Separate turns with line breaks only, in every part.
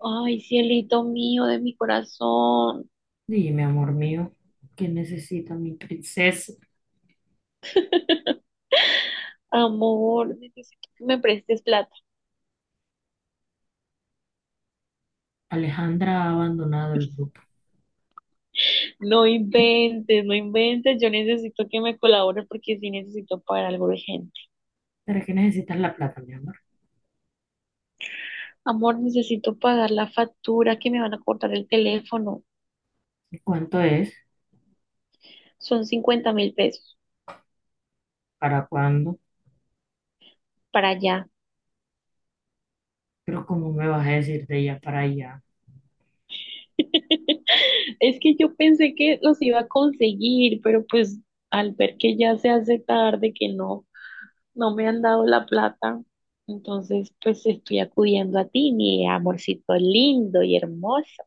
Ay, cielito mío de mi corazón.
Dime, amor mío, ¿qué necesita mi princesa?
Amor, necesito que me prestes plata.
Alejandra ha abandonado el grupo.
No inventes, no inventes. Yo necesito que me colabores porque sí necesito pagar algo urgente.
¿Para qué necesitas la plata, mi amor?
Amor, necesito pagar la factura que me van a cortar el teléfono.
¿Y cuánto es?
Son 50.000 pesos
¿Para cuándo?
para allá.
Pero ¿cómo me vas a decir de allá para allá?
Es que yo pensé que los iba a conseguir, pero pues al ver que ya se hace tarde, que no No me han dado la plata, entonces pues estoy acudiendo a ti, mi amorcito lindo y hermoso.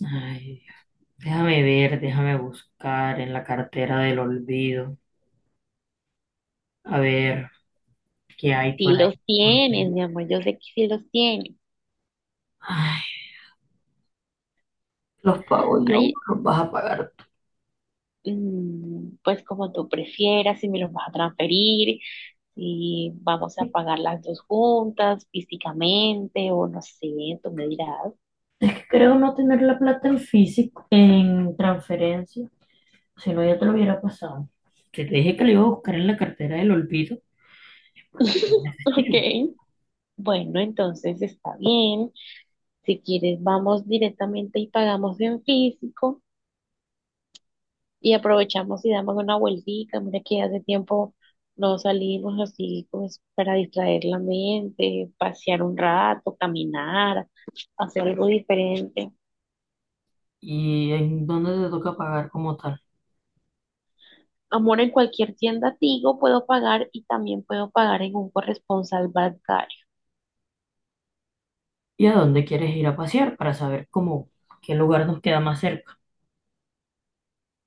Ay, déjame ver, déjame buscar en la cartera del olvido. A ver, ¿qué hay por
Si
ahí?
los tienes, mi amor, yo sé que sí los tienes.
Ay, los pago yo,
Ay,
los vas a pagar tú.
pues como tú prefieras, si me los vas a transferir, si vamos a pagar las dos juntas físicamente o no sé, tú me dirás.
Es que creo no tener la plata en físico, en transferencia. Si no, ya te lo hubiera pasado. Que te dije que lo iba a buscar en la cartera del olvido, porque es
Ok,
Steam.
bueno, entonces está bien. Si quieres, vamos directamente y pagamos en físico, y aprovechamos y damos una vueltica. Mira que hace tiempo no salimos así pues para distraer la mente, pasear un rato, caminar, hacer algo diferente.
¿Y en dónde te toca pagar como tal?
Amor, en cualquier tienda Tigo puedo pagar y también puedo pagar en un corresponsal bancario.
¿Y a dónde quieres ir a pasear para saber cómo, qué lugar nos queda más cerca?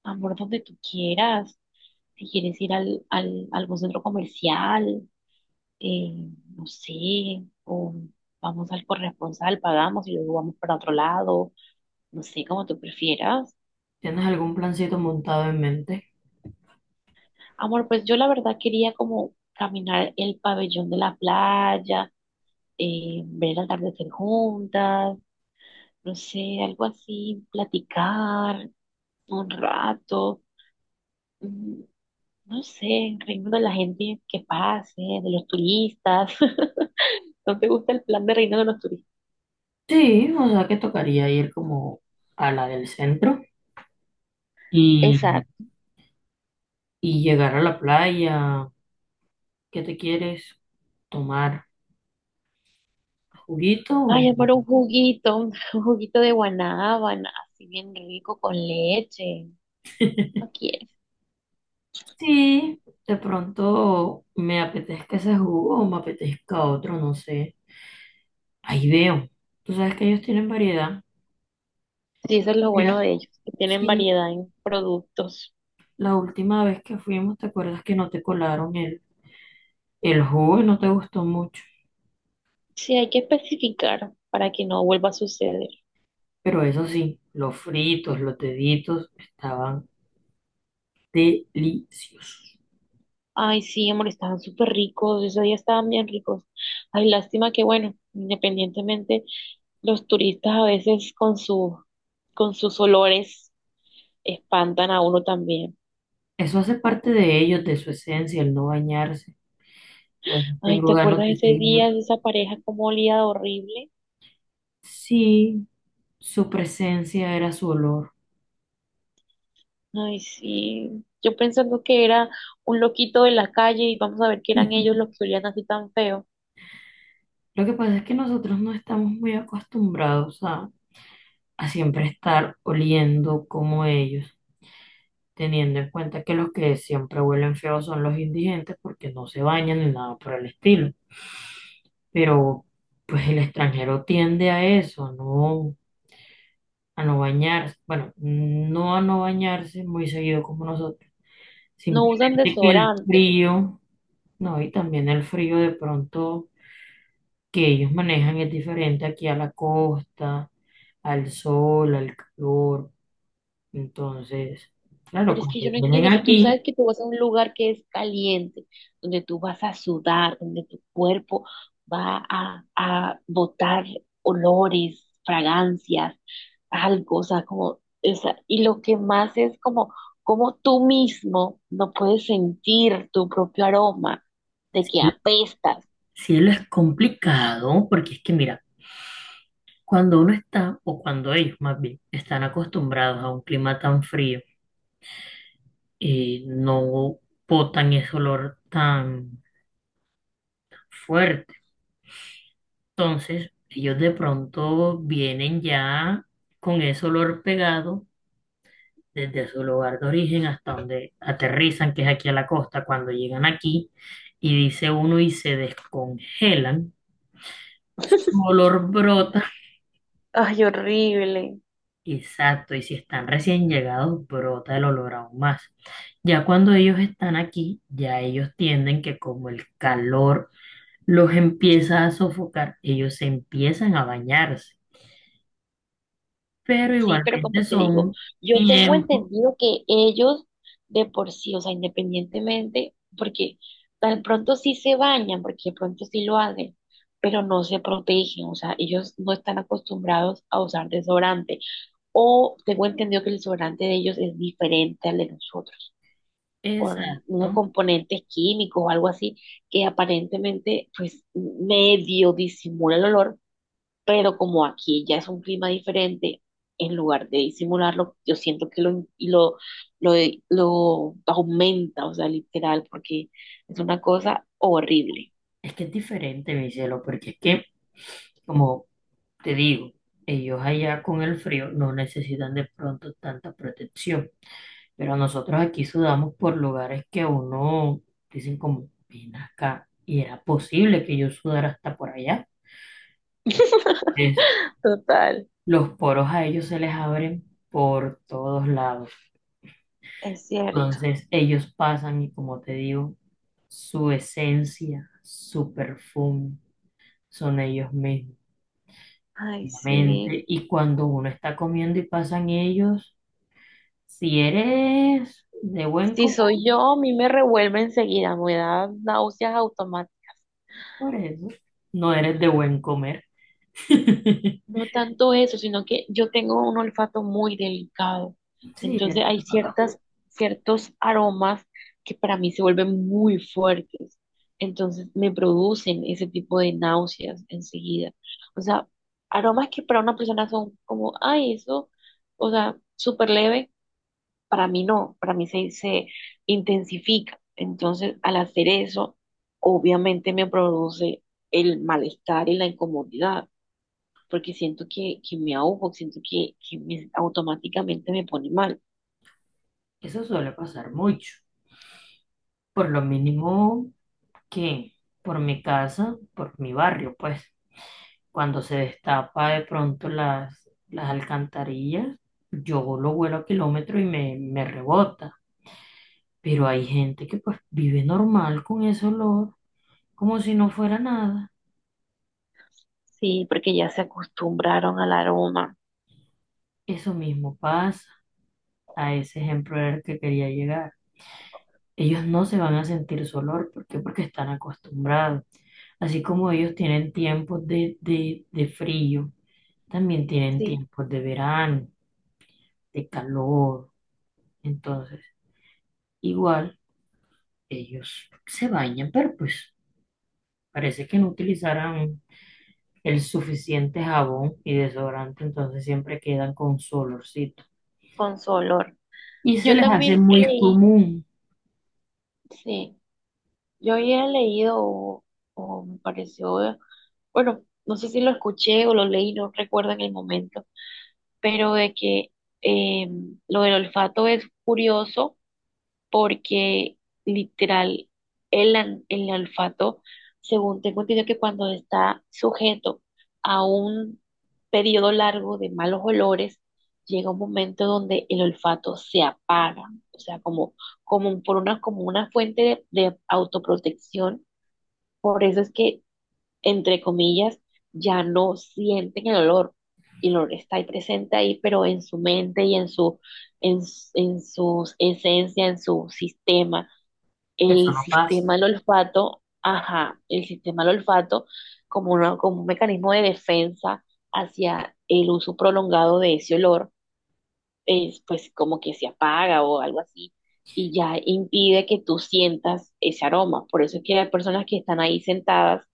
Amor, donde tú quieras. Si quieres ir algún centro comercial, eh, no sé, o vamos al corresponsal, pagamos y luego vamos para otro lado, no sé, como tú prefieras.
¿Tienes algún plancito montado en mente?
Amor, pues yo la verdad quería como caminar el pabellón de la playa, ver el atardecer juntas, no sé, algo así, platicar un rato, mm, no sé, reírnos de la gente que pase, de los turistas. ¿No te gusta el plan de reino de los turistas?
Sí, o sea que tocaría ir como a la del centro y,
Exacto.
y llegar a la playa. ¿Qué te quieres tomar? ¿Juguito? o-
Ay, amor, un juguito, un juguito de guanábana, así bien rico con leche. ¿No quieres?
Sí, de pronto me apetezca ese jugo o me apetezca otro, no sé. Ahí veo. Tú sabes que ellos tienen variedad.
Sí, eso es lo bueno
Mira,
de ellos, que tienen
sí,
variedad en productos.
la última vez que fuimos, ¿te acuerdas que no te colaron el jugo y no te gustó mucho?
Sí, hay que especificar para que no vuelva a suceder.
Pero eso sí, los fritos, los deditos estaban deliciosos.
Ay, sí, amor, estaban súper ricos, esos días estaban bien ricos. Ay, lástima que, bueno, independientemente, los turistas a veces con sus olores espantan a uno también.
Eso hace parte de ellos, de su esencia, el no bañarse. A veces
Ay,
tengo
¿te
ganas
acuerdas
de
ese
seguir.
día de esa pareja como olía de horrible?
Sí, su presencia era su olor.
Ay, sí, yo pensando que era un loquito de la calle y vamos a ver que eran ellos los que olían así tan feo.
Lo que pasa es que nosotros no estamos muy acostumbrados a siempre estar oliendo como ellos, teniendo en cuenta que los que siempre huelen feos son los indigentes porque no se bañan ni nada por el estilo. Pero pues el extranjero tiende a eso, no a no bañarse, bueno, no a no bañarse muy seguido como nosotros,
No usan
simplemente que el
desodorante.
frío, no, y también el frío de pronto que ellos manejan es diferente aquí a la costa, al sol, al calor. Entonces, claro,
Pero es que yo
cuando
no entiendo,
vienen
si tú sabes
aquí,
que tú vas a un lugar que es caliente, donde tú vas a sudar, donde tu cuerpo a botar olores, fragancias, algo, o sea, como, o sea, y lo que más es como, como tú mismo no puedes sentir tu propio aroma de que apestas.
cielo, es complicado porque es que mira, cuando uno está, o cuando ellos más bien, están acostumbrados a un clima tan frío, no botan ese olor tan fuerte. Entonces, ellos de pronto vienen ya con ese olor pegado desde su lugar de origen hasta donde aterrizan, que es aquí a la costa, cuando llegan aquí, y dice uno y se descongelan, su olor brota.
Ay, horrible.
Exacto, y si están recién llegados, brota el olor aún más. Ya cuando ellos están aquí, ya ellos tienden que como el calor los empieza a sofocar, ellos se empiezan a bañarse, pero
Sí, pero
igualmente
como te digo,
son
yo tengo
tiempo
entendido que ellos de por sí, o sea, independientemente, porque tan pronto sí se bañan, porque de pronto sí lo hacen, pero no se protegen, o sea, ellos no están acostumbrados a usar desodorante. O tengo entendido que el desodorante de ellos es diferente al de nosotros, por unos
exacto.
componentes químicos o algo así, que aparentemente pues medio disimula el olor, pero como aquí ya es un clima diferente, en lugar de disimularlo, yo siento que lo, lo aumenta, o sea, literal, porque es una cosa horrible.
Es que es diferente, mi cielo, porque es que, como te digo, ellos allá con el frío no necesitan de pronto tanta protección. Pero nosotros aquí sudamos por lugares que a uno dicen como, ven acá, y era posible que yo sudara hasta por allá. Es
Total,
los poros a ellos se les abren por todos lados.
es cierto.
Entonces ellos pasan y como te digo, su esencia, su perfume, son ellos mismos,
Ay,
la.
sí.
Y cuando uno está comiendo y pasan ellos, si eres de buen
Si
comer,
soy yo, a mí me revuelve enseguida, me da náuseas automáticas.
por eso, no eres de buen comer.
No tanto eso, sino que yo tengo un olfato muy delicado.
Sí,
Entonces
el
hay
relámpago.
ciertos aromas que para mí se vuelven muy fuertes. Entonces me producen ese tipo de náuseas enseguida. O sea, aromas que para una persona son como, ay, eso, o sea, súper leve, para mí no, se intensifica. Entonces, al hacer eso, obviamente me produce el malestar y la incomodidad porque siento que me ahogo, siento que me- automáticamente me pone mal.
Eso suele pasar mucho. Por lo mínimo que por mi casa, por mi barrio, pues cuando se destapa de pronto las alcantarillas, yo lo vuelo a kilómetro y me rebota. Pero hay gente que pues vive normal con ese olor, como si no fuera nada.
Sí, porque ya se acostumbraron al aroma,
Eso mismo pasa. A ese ejemplo era el que quería llegar. Ellos no se van a sentir su olor. ¿Por qué? Porque están acostumbrados. Así como ellos tienen tiempos de frío, también tienen
sí,
tiempos de verano, de calor. Entonces, igual, ellos se bañan, pero pues parece que no utilizaran el suficiente jabón y desodorante, entonces siempre quedan con su olorcito.
con su olor.
Y se
Yo
les hace
también
muy
leí,
común,
sí, yo había leído o me pareció, bueno, no sé si lo escuché o lo leí, no recuerdo en el momento, pero de que eh, lo del olfato es curioso porque literal el olfato, según tengo entendido que cuando está sujeto a un periodo largo de malos olores, llega un momento donde el olfato se apaga, o sea, como, como por una, como una fuente de autoprotección, por eso es que, entre comillas, ya no sienten el olor. Y el olor está ahí presente ahí, pero en su mente y en su esencia, en su sistema.
eso
El
no pasa.
sistema del olfato, ajá, el sistema del olfato como, como un mecanismo de defensa hacia el uso prolongado de ese olor es, pues como que se apaga o algo así y ya impide que tú sientas ese aroma. Por eso es que hay personas que están ahí sentadas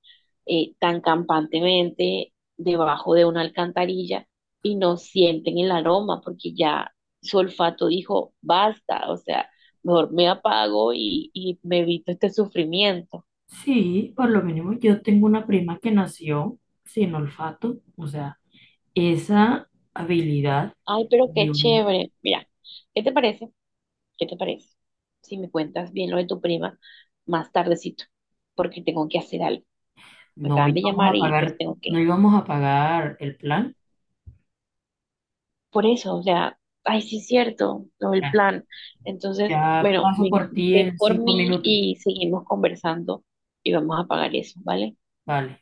tan campantemente debajo de una alcantarilla y no sienten el aroma porque ya su olfato dijo, basta, o sea, mejor me apago y me evito este sufrimiento.
Sí, por lo mínimo yo tengo una prima que nació sin olfato, o sea, esa habilidad,
Ay, pero qué
Dios mío,
chévere. Mira, ¿qué te parece? ¿Qué te parece? Si me cuentas bien lo de tu prima más tardecito, porque tengo que hacer algo. Me
no
acaban de
íbamos
llamar
a
y pues
pagar,
tengo
no
que.
íbamos a pagar el plan.
Por eso, o sea, ay, sí es cierto, lo del
Ya,
plan. Entonces,
ya
bueno,
paso
ven,
por ti
ven
en
por
cinco
mí
minutos,
y seguimos conversando y vamos a pagar eso, ¿vale?
vale.